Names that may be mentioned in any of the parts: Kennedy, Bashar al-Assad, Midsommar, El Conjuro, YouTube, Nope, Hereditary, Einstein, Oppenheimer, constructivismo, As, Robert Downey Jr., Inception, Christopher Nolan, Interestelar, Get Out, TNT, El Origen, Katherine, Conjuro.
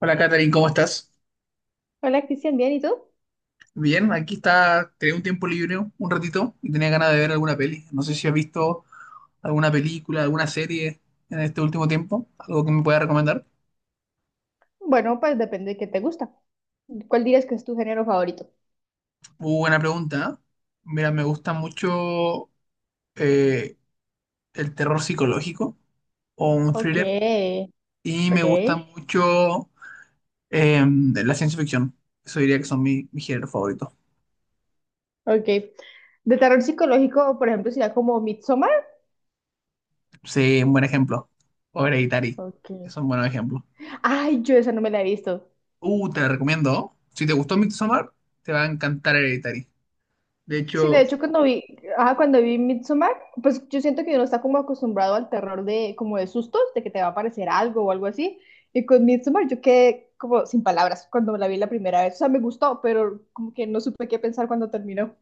Hola, Katherine, ¿cómo estás? Hola Cristian, ¿bien? ¿Y tú? Bien, aquí está, tenía un tiempo libre, un ratito, y tenía ganas de ver alguna peli. No sé si has visto alguna película, alguna serie en este último tiempo, algo que me pueda recomendar. Bueno, pues depende de qué te gusta. ¿Cuál dirías que es tu género favorito? Muy buena pregunta, ¿eh? Mira, me gusta mucho eh, el terror psicológico o un Ok, thriller, y me gusta ok, mucho la ciencia ficción. Eso diría que son mis géneros favoritos. ok. De terror psicológico, por ejemplo, sería como Midsommar. Sí, un buen ejemplo. O Hereditary, Ok. son buenos ejemplos. Ay, yo esa no me la he visto. Te la recomiendo. Si te gustó Midsommar, te va a encantar Hereditary. De Sí, de hecho, hecho, cuando vi Midsommar, pues yo siento que uno está como acostumbrado al terror de, como de sustos, de que te va a aparecer algo o algo así. Y con Midsommar yo quedé como sin palabras cuando la vi la primera vez. O sea, me gustó, pero como que no supe qué pensar cuando terminó.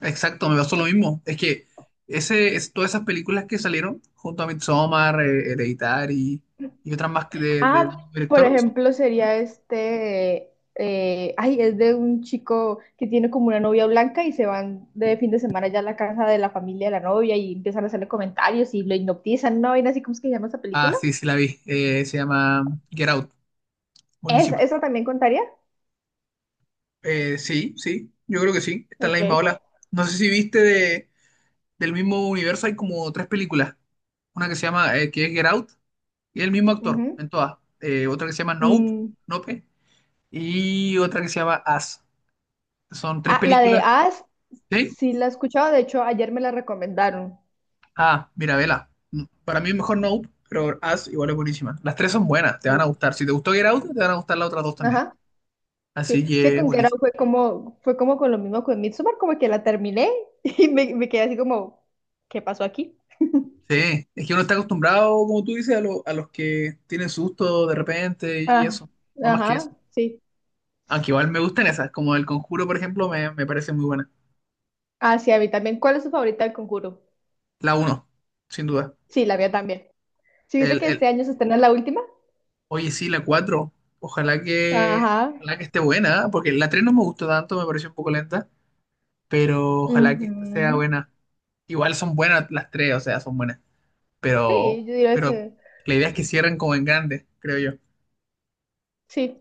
exacto, me pasó lo mismo. Es que todas esas películas que salieron junto a Midsommar, Hereditary y otras más que del Ah, por director. Son... ejemplo, sería este, ay, es de un chico que tiene como una novia blanca y se van de fin de semana ya a la casa de la familia de la novia y empiezan a hacerle comentarios y lo hipnotizan, ¿no? Y así como es que se llama esa Ah, película. sí, sí la vi. Se llama Get Out. ¿Esa, Buenísima. esa también contaría? Sí, sí, yo creo que sí. Está en la Ok. misma ola. No sé si viste del mismo universo, hay como tres películas. Una que se llama, que es Get Out. Y el mismo actor Ujú. en todas. Otra que se llama Nope, Mm, Nope, y otra que se llama As. Son tres ah, la de películas. As, ¿Sí? sí la he escuchado, de hecho ayer me la recomendaron. Ah, mira, vela. Mm, para mí es mejor Nope, pero As igual es buenísima. Las tres son buenas, te van a El- gustar. Si te gustó Get Out, te van a gustar las otras dos también. Ajá. Sí, Así es que que con Get Out buenísimo. fue como con lo mismo con Midsommar, como que la terminé y me quedé así como, ¿qué pasó aquí? Sí, es que uno está acostumbrado, como tú dices, a los que tienen susto de repente y Ah, eso. No más que eso. ajá, sí. Aunque igual me gustan esas, como El Conjuro, por ejemplo, me parece muy buena. Ah, sí, a mí también. ¿Cuál es su favorita del Conjuro? La uno, sin duda. Sí, la mía también. ¿Sí viste El, que el, este año se estrena la última? Oye, sí, la 4, Ojalá que, Ajá. ojalá que esté buena, ¿eh? Porque la 3 no me gustó tanto, me pareció un poco lenta, pero ojalá que esta sea Ujú. buena. Igual son buenas las tres, o sea, son buenas, pero, Sí, yo diría pero que la idea es que cierren como en grande, creo yo. sí.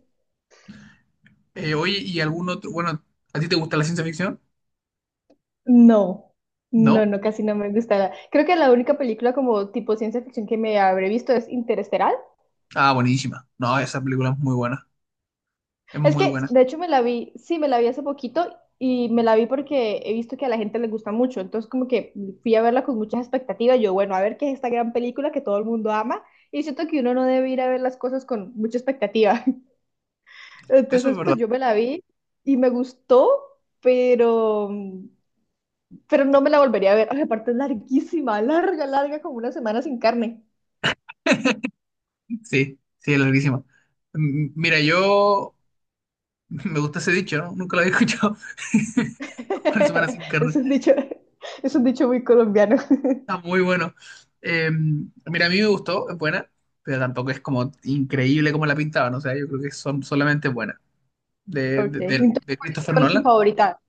Oye, ¿y algún otro? Bueno, ¿a ti te gusta la ciencia ficción? No, ¿No? no, no, casi no me gusta. Creo que la única película como tipo ciencia ficción que me habré visto es Interestelar. Ah, buenísima. No, esa película es muy buena, es Es muy que, buena. de hecho, me la vi, sí, me la vi hace poquito y me la vi porque he visto que a la gente le gusta mucho. Entonces, como que fui a verla con muchas expectativas. Yo, bueno, a ver qué es esta gran película que todo el mundo ama. Y siento que uno no debe ir a ver las cosas con mucha expectativa. Eso es Entonces, verdad. pues yo me la vi y me gustó, pero, pero no me la volvería a ver. Ay, aparte es larguísima, larga, larga, como una semana sin carne. Sí, sí, es larguísima. Mira, yo me gusta ese dicho, ¿no? Nunca lo había escuchado. Como la semana sin Es carne. un dicho, es un dicho muy colombiano. Está muy bueno. Mira, a mí me gustó, es buena, pero tampoco es como increíble como la pintaban. O sea, yo creo que son solamente buenas. Ok, entonces, De ¿cuál es tu Christopher cuál es tu Nolan. favorita?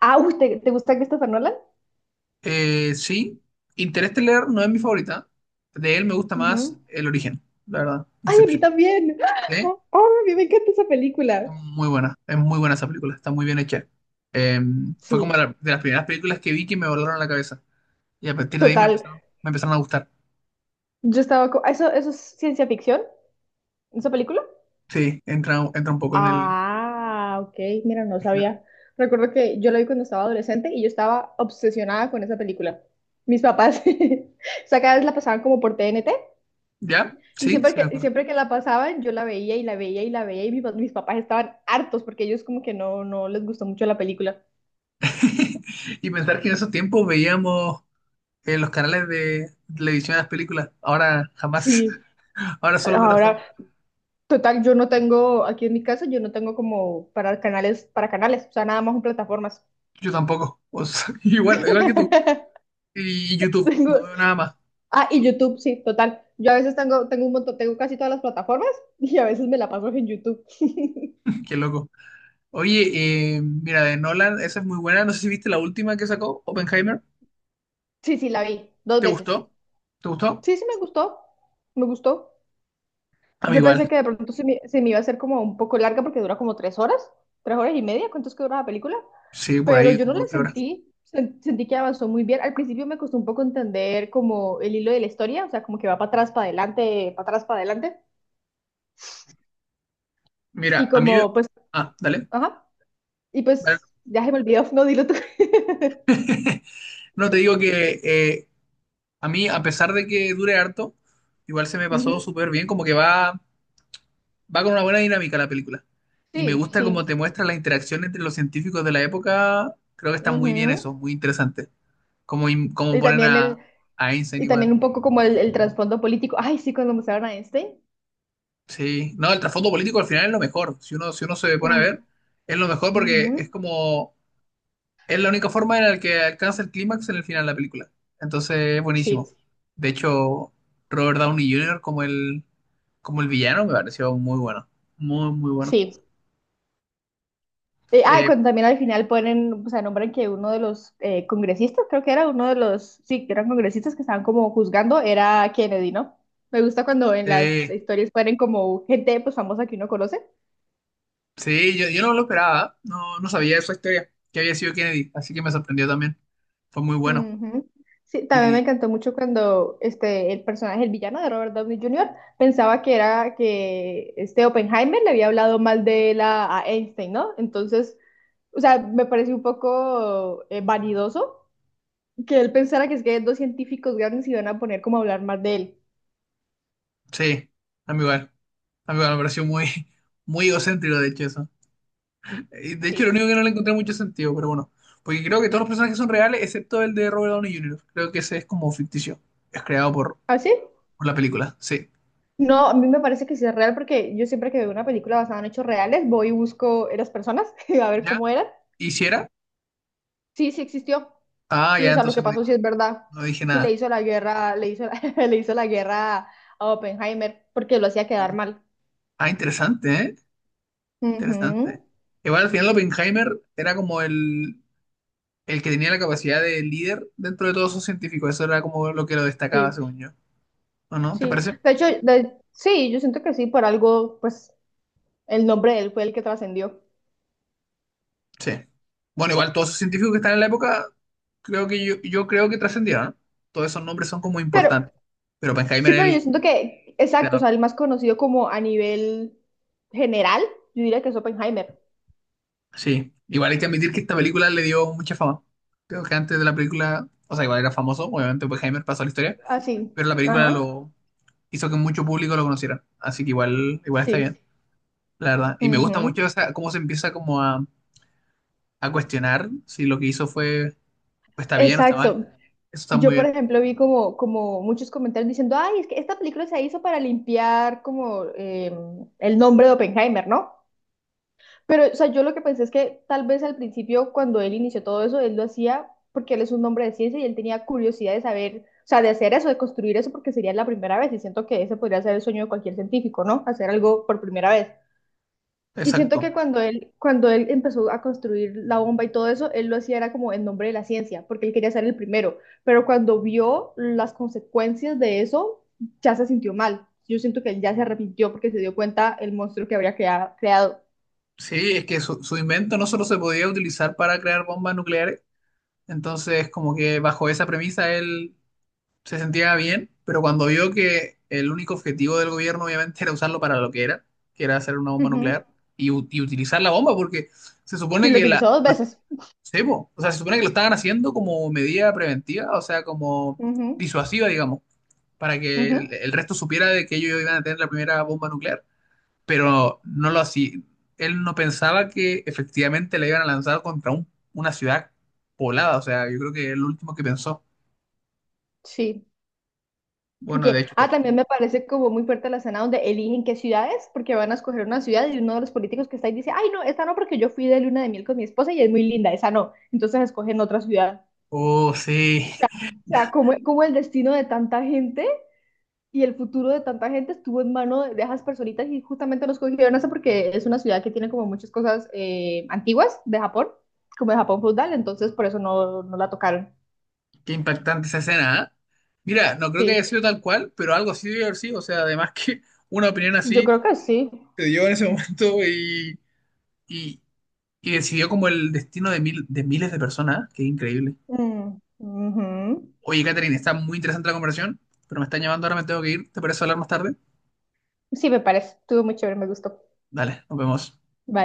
Ah, uy, ¿te gusta Christopher Nolan? Sí, Interestelar no es mi favorita. De él me gusta más Ujú. El Origen, la verdad, Ay, a mí Inception. también. ¿Eh? Oh, a mí me encanta esa película. Es muy buena esa película, está muy bien hecha. Eh, fue como Sí, de las primeras películas que vi que me volaron la cabeza. Y a partir de ahí total. Me empezaron a gustar. ¿Eso es ciencia ficción? ¿Esa película? Sí, entra un poco en el... Ah, ok, mira, no género. sabía. Recuerdo que yo la vi cuando estaba adolescente y yo estaba obsesionada con esa película. Mis papás, o sea, cada vez la pasaban como por TNT, ¿Ya? y Sí, siempre se me que, y acuerda. siempre que la pasaban yo la veía y la veía y la veía, y mis papás estaban hartos porque ellos como que no les gustó mucho la película. Y pensar que en esos tiempos veíamos en los canales de televisión las películas. Ahora jamás. Sí. Ahora solo Ahora. plataforma. Total, yo no tengo, aquí en mi casa, yo no tengo como para canales, o sea, nada más en plataformas. Yo tampoco. O sea, igual, igual que tú. Y YouTube. Tengo, No veo nada más. y YouTube, sí, total. Yo a veces tengo un montón, tengo casi todas las plataformas y a veces me la paso en YouTube. Qué loco. Oye, mira, de Nolan, esa es muy buena. No sé si viste la última que sacó, Oppenheimer. Sí, sí, la vi, dos ¿Te veces. gustó? ¿Te gustó? Sí, sí, me gustó, me gustó. A mí Yo igual. pensé que de pronto se me iba a hacer como un poco larga porque dura como 3 horas, 3 horas y media, ¿cuánto es que dura la película? Sí, por Pero ahí yo no como la tres horas. sentí. Sentí que avanzó muy bien. Al principio me costó un poco entender como el hilo de la historia, o sea, como que va para atrás, para adelante, para atrás, para adelante. Y Mira, a mí... como, pues, Ah, dale. ajá. Y Dale. pues, ya se me olvidó, no, dilo tú. No, te digo que a mí, a pesar de que dure harto, igual se me pasó Ujú. súper bien, como que va, va con una buena dinámica la película. Y me Sí, gusta cómo sí. te muestra la interacción entre los científicos de la época. Creo que está muy bien eso, Ujú. muy interesante. Como, como Y ponen también el, a Einstein y también igual. un poco como el trasfondo político. Ay, sí, cuando mostraron a Einstein. Sí, no, el trasfondo político al final es lo mejor. Si uno se pone a Mm, ver, es lo mejor ujú. porque es como... Es la única forma en la que alcanza el clímax en el final de la película. Entonces es buenísimo. Sí, De hecho, Robert Downey Jr. como como el villano me pareció muy bueno. Muy, muy bueno. sí. Y Eh, cuando también al final ponen, o sea, nombran que uno de los congresistas, creo que era uno de los, sí, que eran congresistas que estaban como juzgando, era Kennedy, ¿no? Me gusta cuando en las eh, historias ponen como gente pues famosa que uno conoce. sí, yo no lo esperaba. No, no sabía esa historia, que había sido Kennedy. Así que me sorprendió también. Fue muy bueno. Ujú. Sí, también Y, me y- encantó mucho cuando este, el personaje, el villano de Robert Downey Jr., pensaba que era que este Oppenheimer le había hablado mal de él a Einstein, ¿no? Entonces, o sea, me pareció un poco vanidoso, que él pensara que es que dos científicos grandes y van a poner como a hablar más de él. sí, a mí igual. A mí igual me pareció muy egocéntrico, de hecho, eso. De hecho, lo Sí. único que no le encontré mucho sentido, pero bueno. Porque creo que todos los personajes son reales, excepto el de Robert Downey Jr. Creo que ese es como ficticio. Es creado por, ¿Ah, sí? por la película, sí. No, a mí me parece que sí es real porque yo siempre que veo una película basada en hechos reales, voy y busco las personas a ver ¿Ya? cómo eran. ¿Hiciera? Sí, sí existió. Ah, Sí, ya, o sea, lo que pasó sí es verdad. no dije Sí le nada. hizo la guerra, le hizo le hizo la guerra a Oppenheimer porque lo hacía Ah, quedar mal. Ah, interesante, ¿eh? Ujú. Interesante. Igual al final Oppenheimer era como el que tenía la capacidad de líder dentro de todos esos científicos. Eso era como lo que lo destacaba, Sí, según yo. ¿O no? ¿Te sí. parece? De hecho, sí, yo siento que sí, por algo, pues el nombre de él fue el que trascendió. Sí. Bueno, igual todos esos científicos que están en la época, creo que yo creo que trascendieron, ¿no? Todos esos nombres son como Pero... importantes. Pero Oppenheimer Sí, era pero yo el siento que, exacto, o sea, creador. el más conocido como a nivel general, yo diría que es Oppenheimer. Sí. Igual hay que admitir que esta película le dio mucha fama. Creo que antes de la película, o sea, igual era famoso, obviamente Oppenheimer pasó a la historia, Así, pero la película ajá, lo hizo que mucho público lo conociera. Así que igual, igual está sí. bien, la verdad. Y me gusta Ujú. mucho cómo se empieza como a cuestionar si lo que hizo fue, pues, está bien o está mal. Exacto. Eso está Yo, muy por bien. ejemplo, vi como muchos comentarios diciendo, ay, es que esta película se hizo para limpiar como el nombre de Oppenheimer, ¿no? Pero, o sea, yo lo que pensé es que tal vez al principio, cuando él inició todo eso, él lo hacía porque él es un hombre de ciencia y él tenía curiosidad de saber, o sea, de hacer eso, de construir eso, porque sería la primera vez. Y siento que ese podría ser el sueño de cualquier científico, ¿no? Hacer algo por primera vez. Y Exacto. siento que cuando él empezó a construir la bomba y todo eso, él lo hacía era como en nombre de la ciencia, porque él quería ser el primero. Pero cuando vio las consecuencias de eso, ya se sintió mal. Yo siento que él ya se arrepintió porque se dio cuenta el monstruo que habría creado. Sí, es que su invento no solo se podía utilizar para crear bombas nucleares, entonces como que bajo esa premisa él se sentía bien, pero cuando vio que el único objetivo del gobierno obviamente era usarlo para lo que era hacer una bomba nuclear y utilizar la bomba, porque se Sí, supone lo que utilizó dos veces. sí, po, o sea, se supone que lo estaban haciendo como medida preventiva, o sea, como Ujú, disuasiva, digamos, para que ujú. el resto supiera de que ellos iban a tener la primera bomba nuclear pero no lo hacía. Él no pensaba que efectivamente la iban a lanzar contra una ciudad poblada, o sea, yo creo que es lo último que pensó. Sí. Y Bueno, de que, hecho, todo. también me parece como muy fuerte la escena donde eligen qué ciudades, porque van a escoger una ciudad y uno de los políticos que está ahí dice, ay, no, esta no, porque yo fui de luna de miel con mi esposa y es muy linda, esa no. Entonces escogen otra ciudad. Oh, sí, O sea, como, como el destino de tanta gente y el futuro de tanta gente estuvo en mano de esas personitas y justamente nos cogieron eso porque es una ciudad que tiene como muchas cosas antiguas de Japón, como de Japón feudal, entonces por eso no, no la tocaron. qué impactante esa escena, ¿eh? Mira, no creo que haya Sí, sido tal cual, pero algo así debe haber sido, o sea, además que una opinión sí, yo así creo que sí. se dio en ese momento y, y decidió como el destino de, de miles de personas, ¿eh? Qué increíble. Mm, ujú. Oye, Catherine, está muy interesante la conversación, pero me están llamando, ahora me tengo que ir, ¿te parece hablar más tarde? Sí, me parece. Estuvo muy chévere, me gustó. Dale, nos vemos. Vale.